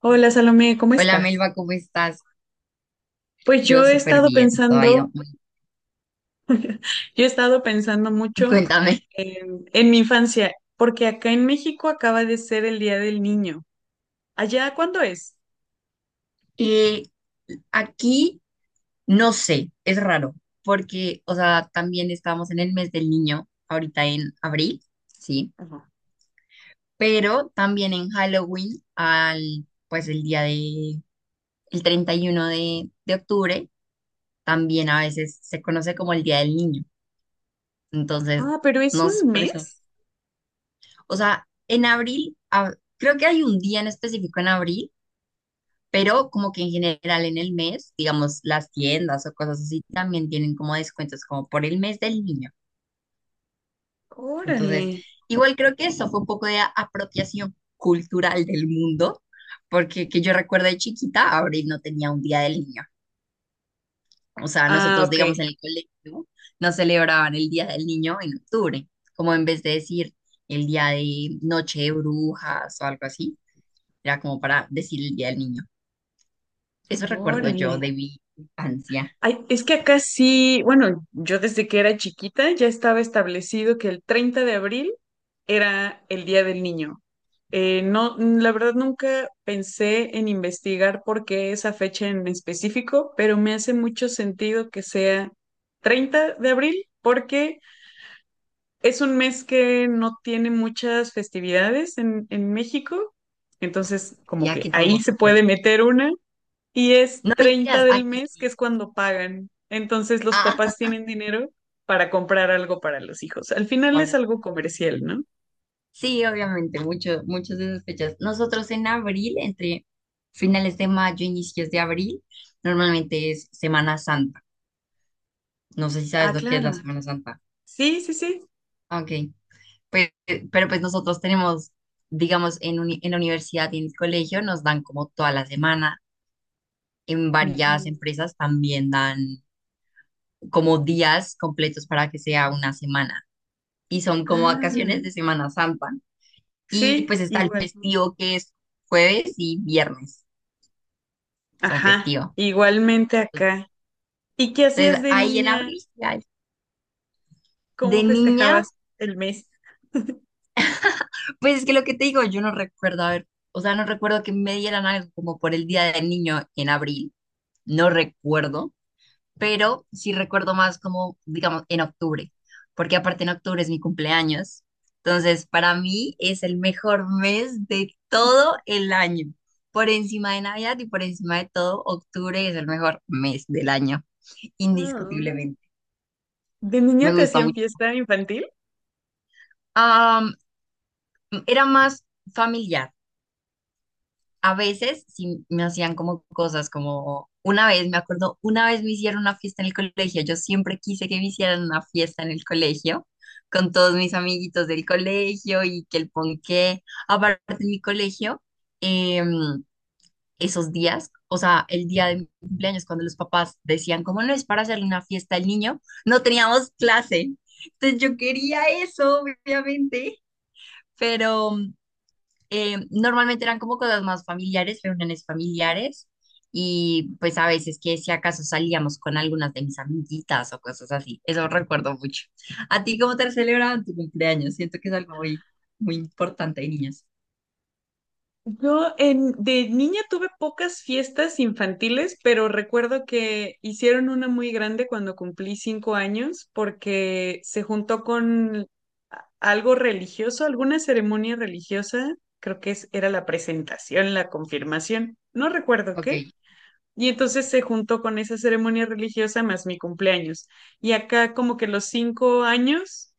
Hola Salomé, ¿cómo Hola estás? Melba, ¿cómo estás? Pues yo Yo he súper estado bien, todo ha pensando, ido muy yo he estado pensando bien. mucho Cuéntame. en mi infancia, porque acá en México acaba de ser el Día del Niño. ¿Allá cuándo es? Eh, aquí no sé, es raro, porque, o sea, también estamos en el mes del niño, ahorita en abril, sí, Ajá. pero también en Halloween, pues el 31 de octubre, también a veces se conoce como el Día del Niño. Entonces, Ah, pero es no sé, un por eso. mes. O sea, en abril, creo que hay un día en específico en abril, pero como que en general en el mes, digamos, las tiendas o cosas así también tienen como descuentos como por el mes del niño. Órale. Entonces, igual creo que eso fue un poco de apropiación cultural del mundo, porque que yo recuerdo de chiquita, abril no tenía un día del niño. O sea, Ah, nosotros, ok. digamos, en el colegio no celebraban el día del niño en octubre, como en vez de decir el día de noche de brujas o algo así, era como para decir el día del niño. Eso recuerdo yo Órale. de mi infancia. Ay, es que acá sí, bueno, yo desde que era chiquita ya estaba establecido que el 30 de abril era el Día del Niño. No, mm, la verdad nunca pensé en investigar por qué esa fecha en específico, pero me hace mucho sentido que sea 30 de abril porque es un mes que no tiene muchas festividades en México, entonces Sí, como que aquí ahí tampoco se puede creo. meter una y es No, 30 mentiras, del aquí mes, que sí. es cuando pagan. Entonces los Ah, papás tienen dinero para comprar algo para los hijos. Al final es ahora. algo comercial, ¿no? Sí, obviamente, muchas de esas fechas. Nosotros en abril, entre finales de mayo, inicios de abril, normalmente es Semana Santa. No sé si Ah, sabes lo que es la claro. Semana Santa. Sí, sí, sí. Ah, ok, pues, pero pues nosotros tenemos, digamos, en la universidad y en el colegio nos dan como toda la semana. En varias Ujú. empresas también dan como días completos para que sea una semana. Y son como vacaciones Ah, de Semana Santa. Y pues sí, está el igual. festivo que es jueves y viernes, son Ajá, festivos. igualmente acá. ¿Y qué hacías Entonces de ahí en niña? abril, ya, ¿Cómo de niña, festejabas el mes? pues es que lo que te digo, yo no recuerdo, a ver, o sea, no recuerdo que me dieran algo como por el Día del Niño en abril, no recuerdo, pero sí recuerdo más como, digamos, en octubre, porque aparte en octubre es mi cumpleaños. Entonces, para mí es el mejor mes de todo el año. Por encima de Navidad y por encima de todo, octubre es el mejor mes del año, Ah. indiscutiblemente. ¿De Me niña te gusta hacían mucho. fiesta infantil? Am, era más familiar. A veces sí me hacían como cosas como una vez, me acuerdo, una vez me hicieron una fiesta en el colegio. Yo siempre quise que me hicieran una fiesta en el colegio con todos mis amiguitos del colegio y que el ponqué. Aparte en mi colegio, em, esos días, o sea, el día de mi cumpleaños, cuando los papás decían, como ¿no es para hacerle una fiesta al niño? No teníamos clase. Entonces yo quería eso, obviamente, pero normalmente eran como cosas más familiares, reuniones familiares, y pues a veces que si acaso salíamos con algunas de mis amiguitas o cosas así, eso recuerdo mucho. ¿A ti cómo te celebraban tu cumpleaños? Siento que es algo muy, muy importante de niños. Yo de niña tuve pocas fiestas infantiles, pero recuerdo que hicieron una muy grande cuando cumplí 5 años porque se juntó con algo religioso, alguna ceremonia religiosa, creo que era la presentación, la confirmación, no recuerdo Ok, qué. Y entonces se juntó con esa ceremonia religiosa más mi cumpleaños. Y acá como que los 5 años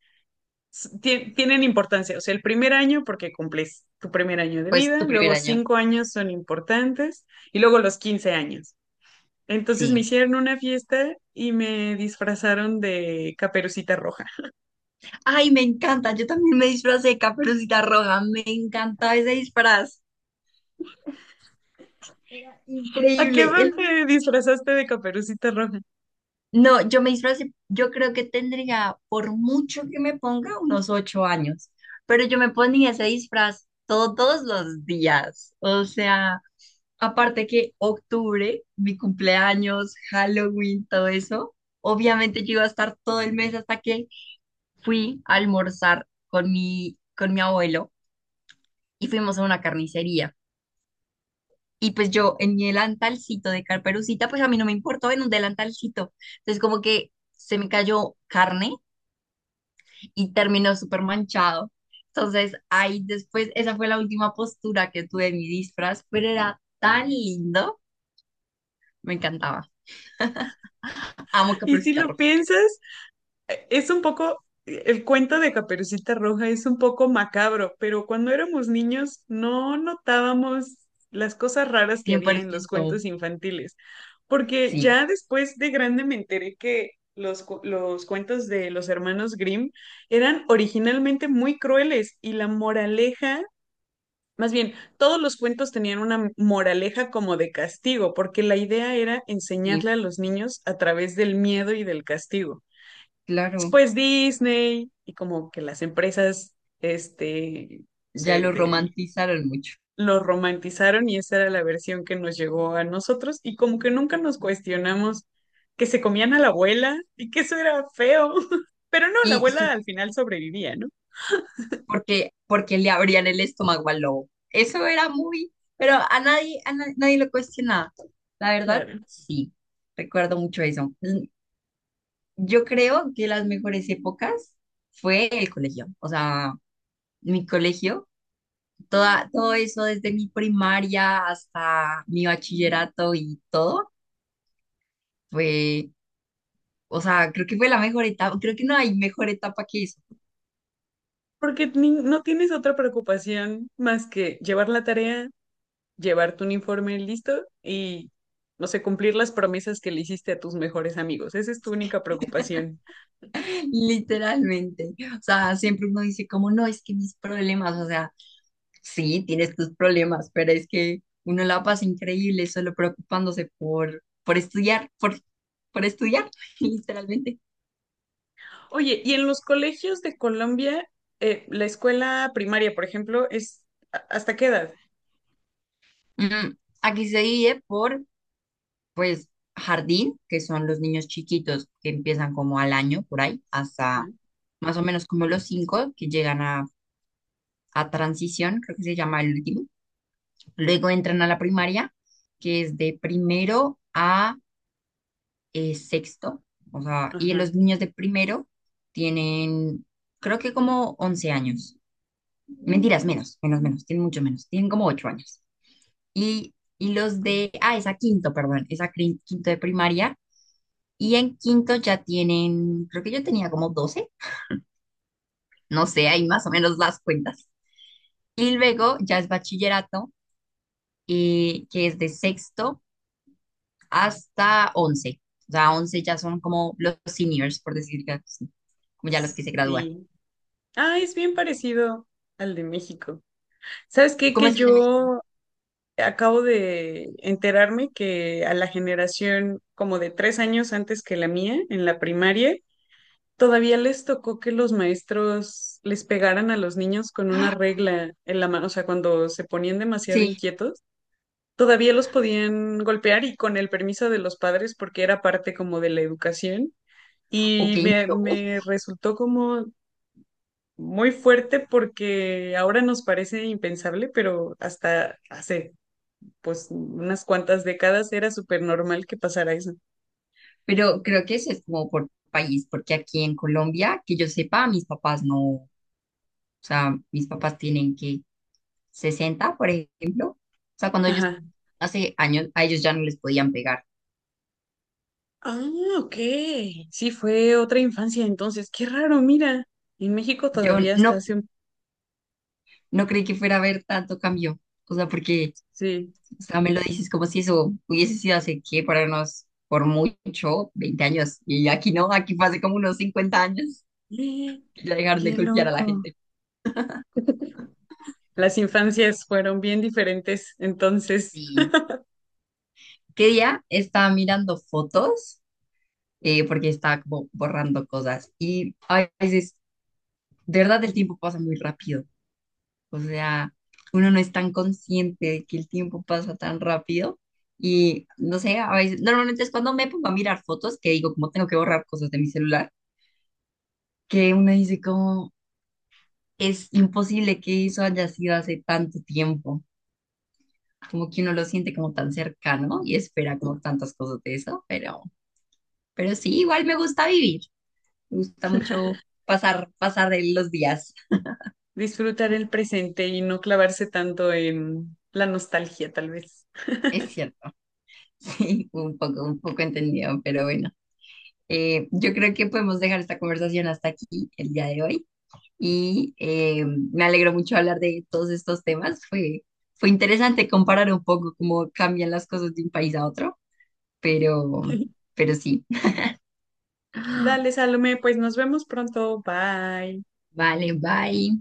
tienen importancia. O sea, el primer año porque cumples tu primer año de pues vida, tu primer luego año. 5 años son importantes y luego los 15 años. Entonces Sí. me hicieron una fiesta y me disfrazaron de Caperucita Roja. Ay, me encanta. Yo también me disfracé de Caperucita Roja. Me encantaba ese disfraz. Era ¿A increíble. qué edad te disfrazaste de Caperucita Roja? No, yo me disfracé. Yo creo que tendría, por mucho que me ponga, unos 8 años. Pero yo me ponía ese disfraz todos los días. O sea, aparte que octubre, mi cumpleaños, Halloween, todo eso. Obviamente yo iba a estar todo el mes hasta que fui a almorzar con mi abuelo y fuimos a una carnicería. Y pues yo en mi delantalcito de carperucita, pues a mí no me importó en un delantalcito. Entonces como que se me cayó carne y terminó súper manchado. Entonces ahí después, esa fue la última postura que tuve en mi disfraz, pero era tan lindo, me encantaba. Amo Y si Caperucita lo Roja, piensas, es un poco, el cuento de Caperucita Roja es un poco macabro, pero cuando éramos niños no notábamos las cosas raras que cien había por en los ciento cuentos infantiles. Porque Sí, ya después de grande me enteré que los cuentos de los hermanos Grimm eran originalmente muy crueles y la moraleja, más bien, todos los cuentos tenían una moraleja como de castigo, porque la idea era sí, enseñarle a los niños a través del miedo y del castigo. claro, Después Disney y como que las empresas, este, no ya sé, lo de romantizaron mucho. lo romantizaron y esa era la versión que nos llegó a nosotros y como que nunca nos cuestionamos que se comían a la abuela y que eso era feo. Pero no, la Y abuela al final sobrevivía, ¿no? porque le abrían el estómago al lobo. Eso era muy, pero a nadie, nadie lo cuestionaba. La verdad, Claro. sí, recuerdo mucho eso. Yo creo que las mejores épocas fue el colegio, o sea, mi colegio, todo eso desde mi primaria hasta mi bachillerato y todo, fue, o sea, creo que fue la mejor etapa, creo que no hay mejor etapa que eso, Porque no tienes otra preocupación más que llevar la tarea, llevar tu uniforme listo y, no sé, cumplir las promesas que le hiciste a tus mejores amigos. Esa es tu única preocupación. literalmente. O sea, siempre uno dice como, no, es que mis problemas, o sea. Sí, tienes tus problemas, pero es que uno la pasa increíble solo preocupándose por, estudiar, por estudiar, literalmente. Oye, y en los colegios de Colombia, la escuela primaria, por ejemplo, es ¿hasta qué edad? Mm, aquí se divide por, pues, jardín, que son los niños chiquitos que empiezan como al año, por ahí, hasta más o menos como los cinco que llegan a transición, creo que se llama el último. Luego entran a la primaria, que es de primero a es sexto, o sea, y Ajá. los niños de primero tienen, creo que como 11 años. Mentiras, menos, menos, menos, tienen mucho menos, tienen como 8 años. Y, y los de, esa quinto, perdón, quinto de primaria, y en quinto ya tienen, creo que yo tenía como 12, no sé, ahí más o menos las cuentas. Y luego ya es bachillerato, que es de sexto hasta once. O sea, 11 ya son como los seniors, por decir así, como ya los que se gradúan. Sí. Ah, es bien parecido al de México. ¿Sabes qué? ¿Cómo Que es el de México? yo acabo de enterarme que a la generación como de 3 años antes que la mía, en la primaria, todavía les tocó que los maestros les pegaran a los niños con una ¡Ah! regla en la mano. O sea, cuando se ponían demasiado Sí, inquietos, todavía los podían golpear y con el permiso de los padres porque era parte como de la educación. ok, Y no. me resultó como muy fuerte porque ahora nos parece impensable, pero hasta hace pues unas cuantas décadas era súper normal que pasara eso. Pero creo que eso es como por país, porque aquí en Colombia, que yo sepa, mis papás no, o sea, mis papás tienen que 60, por ejemplo. O sea, cuando ellos, Ajá. hace años, a ellos ya no les podían pegar. Ah, ok. Sí, fue otra infancia entonces. Qué raro, mira. En México Yo todavía hasta no, hace un... no creí que fuera a haber tanto cambio. O sea, porque, Sí. o sea, me lo dices como si eso hubiese sido hace qué, para unos, por mucho, 20 años. Y aquí no, aquí fue hace como unos 50 años Eh, que ya dejaron de qué golpear a la loco. gente. Las infancias fueron bien diferentes, entonces Sí, ¿qué día estaba mirando fotos? Porque estaba como borrando cosas. Y a veces, de verdad, el tiempo pasa muy rápido. O sea, uno no es tan consciente de que el tiempo pasa tan rápido. Y no sé, a veces, normalmente es cuando me pongo a mirar fotos que digo, como tengo que borrar cosas de mi celular, que uno dice, como es imposible que eso haya sido hace tanto tiempo. Como que uno lo siente como tan cercano y espera como tantas cosas de eso, pero sí, igual me gusta vivir. Me gusta mucho pasar de los días. disfrutar el presente y no clavarse tanto en la nostalgia, tal vez. Es cierto. Sí, un poco entendido, pero bueno. Yo creo que podemos dejar esta conversación hasta aquí el día de hoy. Y me alegro mucho hablar de todos estos temas. Fue interesante comparar un poco cómo cambian las cosas de un país a otro, pero, pero sí. Dale, Salomé, pues nos vemos pronto. Bye. Vale, bye.